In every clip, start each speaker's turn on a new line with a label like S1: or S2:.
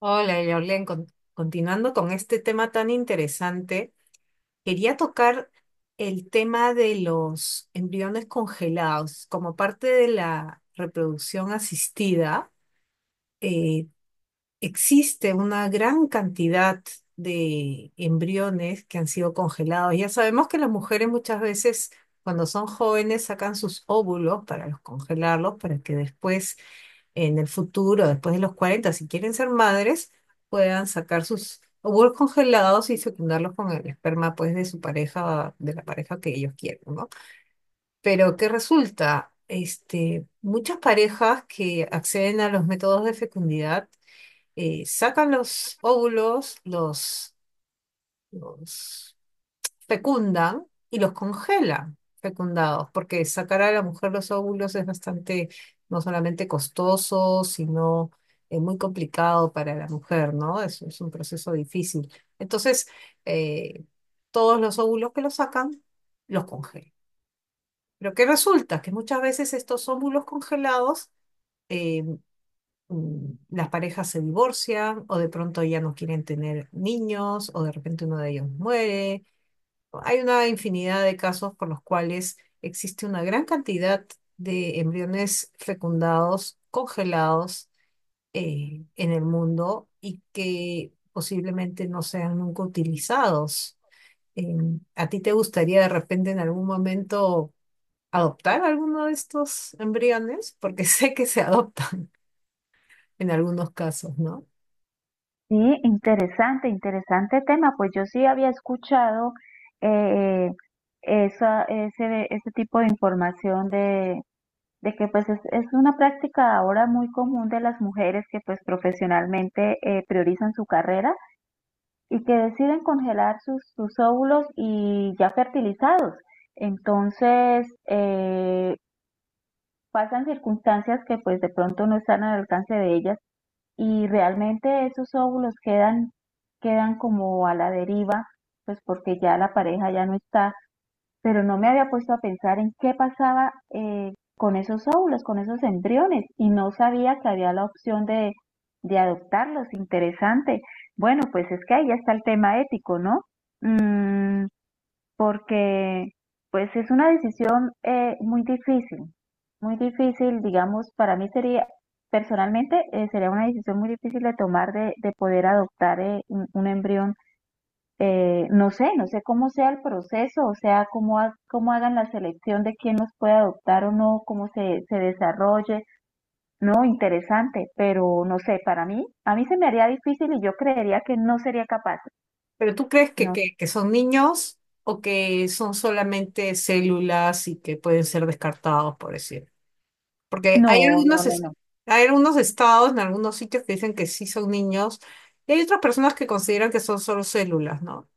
S1: Hola, Jorlen, continuando con este tema tan interesante, quería tocar el tema de los embriones congelados. Como parte de la reproducción asistida, eh, existe una gran cantidad de embriones que han sido congelados. Ya sabemos que las mujeres muchas veces, cuando son jóvenes, sacan sus óvulos para los congelarlos, para que después en el futuro, después de los 40 si quieren ser madres, puedan sacar sus óvulos congelados y fecundarlos con el esperma, pues, de su pareja, de la pareja que ellos quieren, ¿no? Pero ¿qué resulta? Este, muchas parejas que acceden a los métodos de fecundidad sacan los óvulos, los fecundan y los congela fecundados, porque sacar a la mujer los óvulos es bastante, no solamente costoso, sino muy complicado para la mujer, ¿no? Es un proceso difícil. Entonces, eh, todos los óvulos que los sacan, los congelan. Pero ¿qué resulta? Que muchas veces estos óvulos congelados, eh, las parejas se divorcian o de pronto ya no quieren tener niños o de repente uno de ellos muere. Hay una infinidad de casos por los cuales existe una gran cantidad de embriones fecundados, congelados en el mundo y que posiblemente no sean nunca utilizados. ¿A ti te gustaría de repente en algún momento adoptar alguno de estos embriones? Porque sé que se adoptan en algunos casos, ¿no?
S2: Sí, interesante, interesante tema. Pues yo sí había escuchado eh, ese tipo de información de que pues es una práctica ahora muy común de las mujeres que pues profesionalmente priorizan su carrera y que deciden congelar sus óvulos y ya fertilizados. Entonces, pasan circunstancias que pues de pronto no están al alcance de ellas y realmente esos óvulos quedan como a la deriva, pues porque ya la pareja ya no está, pero no me había puesto a pensar en qué pasaba con esos óvulos, con esos embriones, y no sabía que había la opción de adoptarlos, interesante. Bueno, pues es que ahí ya está el tema ético, ¿no? Mm, porque pues es una decisión muy difícil, digamos, para mí sería, personalmente, sería una decisión muy difícil de tomar de poder adoptar un embrión. No sé, no sé cómo sea el proceso, o sea, cómo, cómo hagan la selección de quién los puede adoptar o no, cómo se desarrolle. No, interesante, pero no sé, para mí, a mí se me haría difícil y yo creería que no sería capaz.
S1: Pero ¿tú crees que,
S2: No,
S1: que son niños o que son solamente células y que pueden ser descartados, por decir? Porque hay
S2: no, no,
S1: algunos,
S2: no, no.
S1: hay algunos estados en algunos sitios que dicen que sí son niños y hay otras personas que consideran que son solo células, ¿no?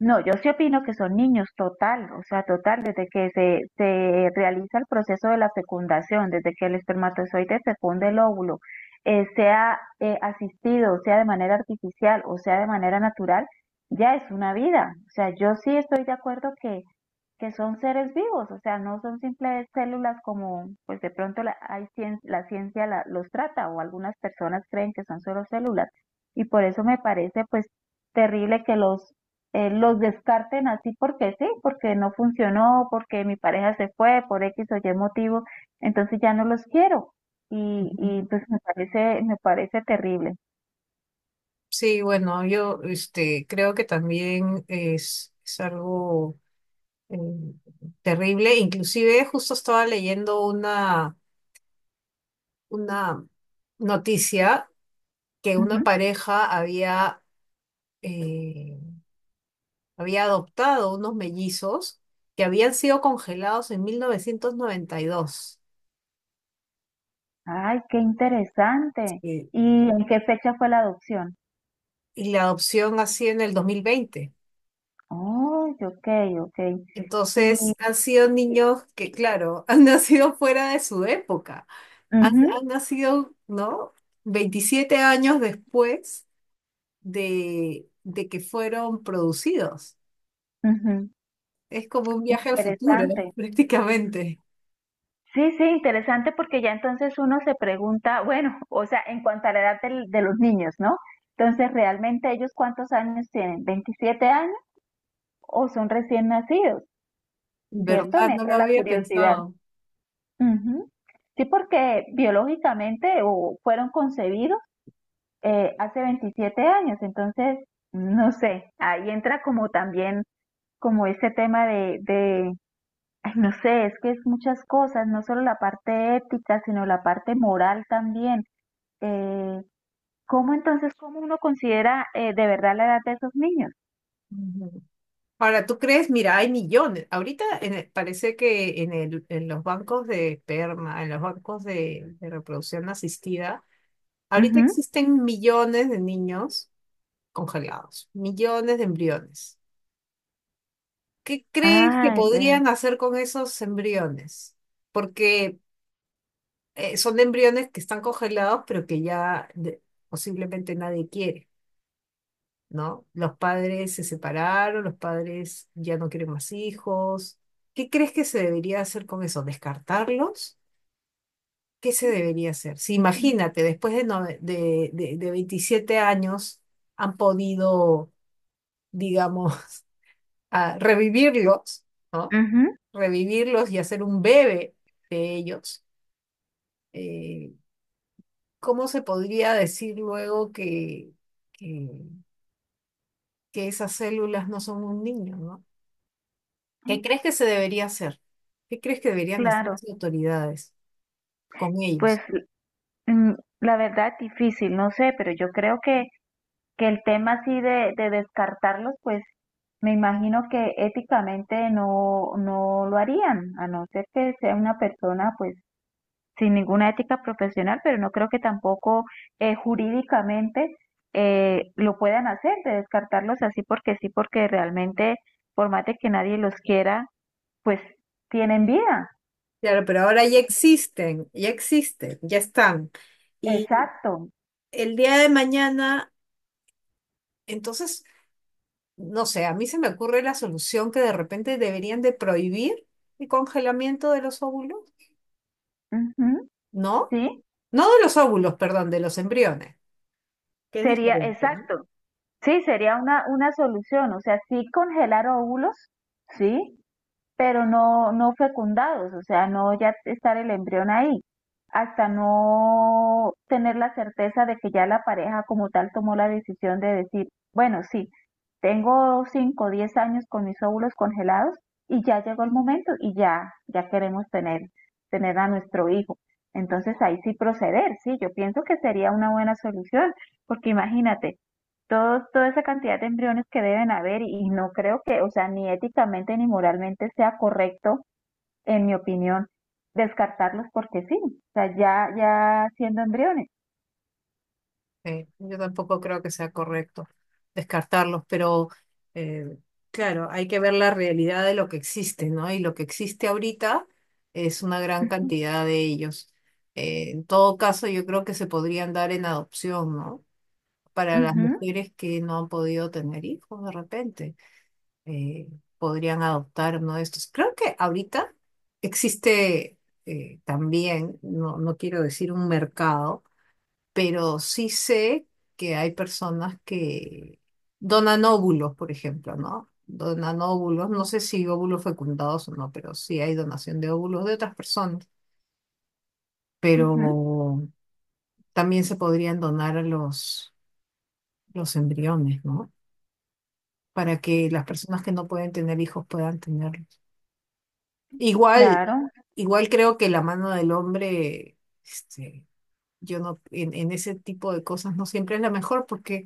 S2: No, yo sí opino que son niños total, o sea, total, desde que se realiza el proceso de la fecundación, desde que el espermatozoide fecunde el óvulo, sea asistido, sea de manera artificial o sea de manera natural, ya es una vida. O sea, yo sí estoy de acuerdo que son seres vivos, o sea, no son simples células como, pues de pronto la ciencia los trata o algunas personas creen que son solo células. Y por eso me parece, pues, terrible que los descarten así porque sí, porque no funcionó, porque mi pareja se fue por X o Y motivo, entonces ya no los quiero. Y,
S1: Ujú.
S2: y pues me parece terrible.
S1: Sí, bueno, yo este, creo que también es algo eh, terrible. Inclusive justo estaba leyendo una noticia que una
S2: Ujú.
S1: pareja eh, había adoptado unos mellizos que habían sido congelados en 1992
S2: Ay, qué interesante. ¿Y en qué fecha fue la adopción?
S1: y la adopción así en el 2020.
S2: Oh, ok, ok. Y,
S1: Entonces, han sido
S2: y-
S1: niños que, claro, han nacido fuera de su época. Han,
S2: ujú,
S1: han nacido, ¿no? 27 años después de que fueron producidos.
S2: ujú.
S1: Es como un viaje al futuro,
S2: Interesante.
S1: prácticamente.
S2: Sí, sí, interesante porque ya entonces uno se pregunta, bueno, o sea, en cuanto a la edad de los niños, ¿no? Entonces, ¿realmente ellos cuántos años tienen? ¿27 años o son recién nacidos? ¿Cierto?
S1: ¿Verdad?
S2: Me
S1: No lo
S2: entra la
S1: había
S2: curiosidad.
S1: pensado.
S2: Ujú. Sí, porque biológicamente o fueron concebidos hace 27 años, entonces, no sé, ahí entra como también como ese tema ay, no sé, es que es muchas cosas, no solo la parte ética, sino la parte moral también. Eh, ¿Cómo entonces, cómo uno considera de verdad la edad de esos niños?
S1: Ujú. Ahora, ¿tú crees? Mira, hay millones. Ahorita parece que en, en los bancos de esperma, en los bancos de reproducción asistida, ahorita
S2: Ujú.
S1: existen millones de niños congelados, millones de embriones. ¿Qué crees que
S2: Ah, vea.
S1: podrían hacer con esos embriones? Porque son embriones que están congelados, pero que posiblemente nadie quiere, ¿no? Los padres se separaron, los padres ya no quieren más hijos. ¿Qué crees que se debería hacer con eso? ¿Descartarlos? ¿Qué se debería hacer? Si imagínate, después de, de 27 años han podido, digamos, a revivirlos, ¿no?
S2: Ujú.
S1: Revivirlos y hacer un bebé de ellos. eh, ¿Cómo se podría decir luego que, que, que esas células no son un niño, ¿no? ¿Qué crees que se debería hacer? ¿Qué crees que deberían hacer
S2: Claro,
S1: las autoridades con
S2: pues
S1: ellos?
S2: mm, la verdad difícil, no sé, pero yo creo que el tema así de descartarlos, pues me imagino que éticamente no, no lo harían, a no ser que sea una persona pues sin ninguna ética profesional, pero no creo que tampoco jurídicamente lo puedan hacer, de descartarlos así porque sí, porque realmente, por más de que nadie los quiera, pues tienen vida.
S1: Claro, pero ahora ya existen, ya existen, ya están. Y
S2: Exacto.
S1: el día de mañana, entonces no sé, a mí se me ocurre la solución que de repente deberían de prohibir el congelamiento de los óvulos,
S2: Ujú.
S1: ¿no?
S2: Sí,
S1: No de los óvulos, perdón, de los embriones, que es
S2: sería,
S1: diferente, ¿no?
S2: exacto. Sí, sería una solución. O sea, sí congelar óvulos, sí, pero no, no fecundados, o sea, no ya estar el embrión ahí, hasta no tener la certeza de que ya la pareja como tal tomó la decisión de decir, bueno, sí, tengo 5 o 10 años con mis óvulos congelados y ya llegó el momento y ya queremos tener a nuestro hijo. Entonces ahí sí proceder, sí, yo pienso que sería una buena solución, porque imagínate, todos, toda esa cantidad de embriones que deben haber y no creo que, o sea, ni éticamente ni moralmente sea correcto, en mi opinión, descartarlos porque sí, o sea, ya siendo embriones.
S1: Sí, yo tampoco creo que sea correcto descartarlos, pero eh, claro, hay que ver la realidad de lo que existe, ¿no? Y lo que existe ahorita es una gran
S2: Ujú,
S1: cantidad de ellos. En todo caso, yo creo que se podrían dar en adopción, ¿no? Para las
S2: ujú,
S1: mujeres que no han podido tener hijos de repente. eh, Podrían adoptar uno de estos. Creo que ahorita existe también, no, no quiero decir un mercado, pero sí sé que hay personas que donan óvulos, por ejemplo, ¿no? Donan óvulos, no sé si óvulos fecundados o no, pero sí hay donación de óvulos de otras personas,
S2: ujú,
S1: pero también se podrían donar a los embriones, ¿no? Para que las personas que no pueden tener hijos puedan tenerlos. Igual,
S2: claro.
S1: igual creo que la mano del hombre, este, yo no, en ese tipo de cosas no siempre es la mejor, porque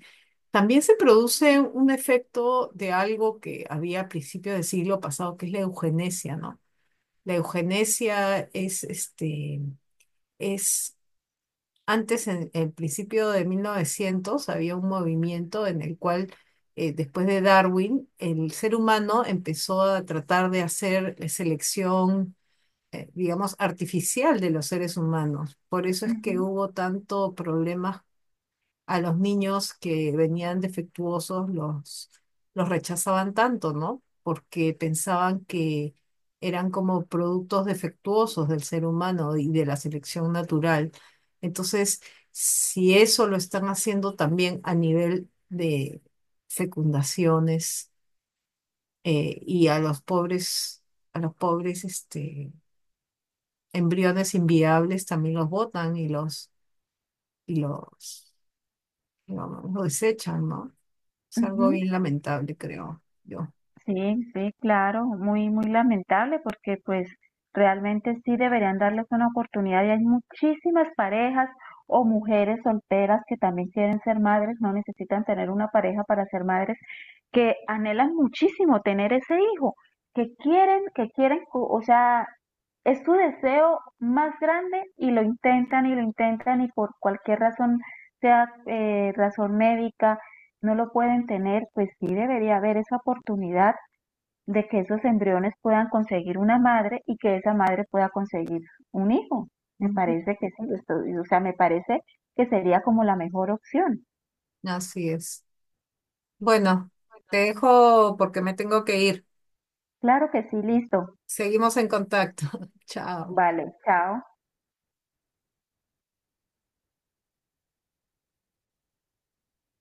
S1: también se produce un efecto de algo que había a principios del siglo pasado, que es la eugenesia, ¿no? La eugenesia es, este, es, antes en el principio de 1900 había un movimiento en el cual, después de Darwin, el ser humano empezó a tratar de hacer selección, digamos, artificial de los seres humanos. Por eso es que
S2: Ujú,
S1: hubo tanto problemas a los niños que venían defectuosos, los rechazaban tanto, ¿no? Porque pensaban que eran como productos defectuosos del ser humano y de la selección natural. Entonces, si eso lo están haciendo también a nivel de fecundaciones y a los pobres, este, embriones inviables también los botan y los, digamos, lo desechan, ¿no? Es algo
S2: ujú.
S1: bien lamentable, creo yo.
S2: Sí, sí, claro, muy, muy lamentable porque pues realmente sí deberían darles una oportunidad y hay muchísimas parejas o mujeres solteras que también quieren ser madres, no necesitan tener una pareja para ser madres, que anhelan muchísimo tener ese hijo, que quieren, o sea, es su deseo más grande y lo intentan y lo intentan y por cualquier razón, sea razón médica, no lo pueden tener, pues sí debería haber esa oportunidad de que esos embriones puedan conseguir una madre y que esa madre pueda conseguir un hijo. Me
S1: Ujú.
S2: parece que sí, o sea, me parece que sería como la mejor opción.
S1: Así es. Bueno, te dejo porque me tengo que ir.
S2: Claro que sí, listo.
S1: Seguimos en contacto. Chao.
S2: Vale, chao.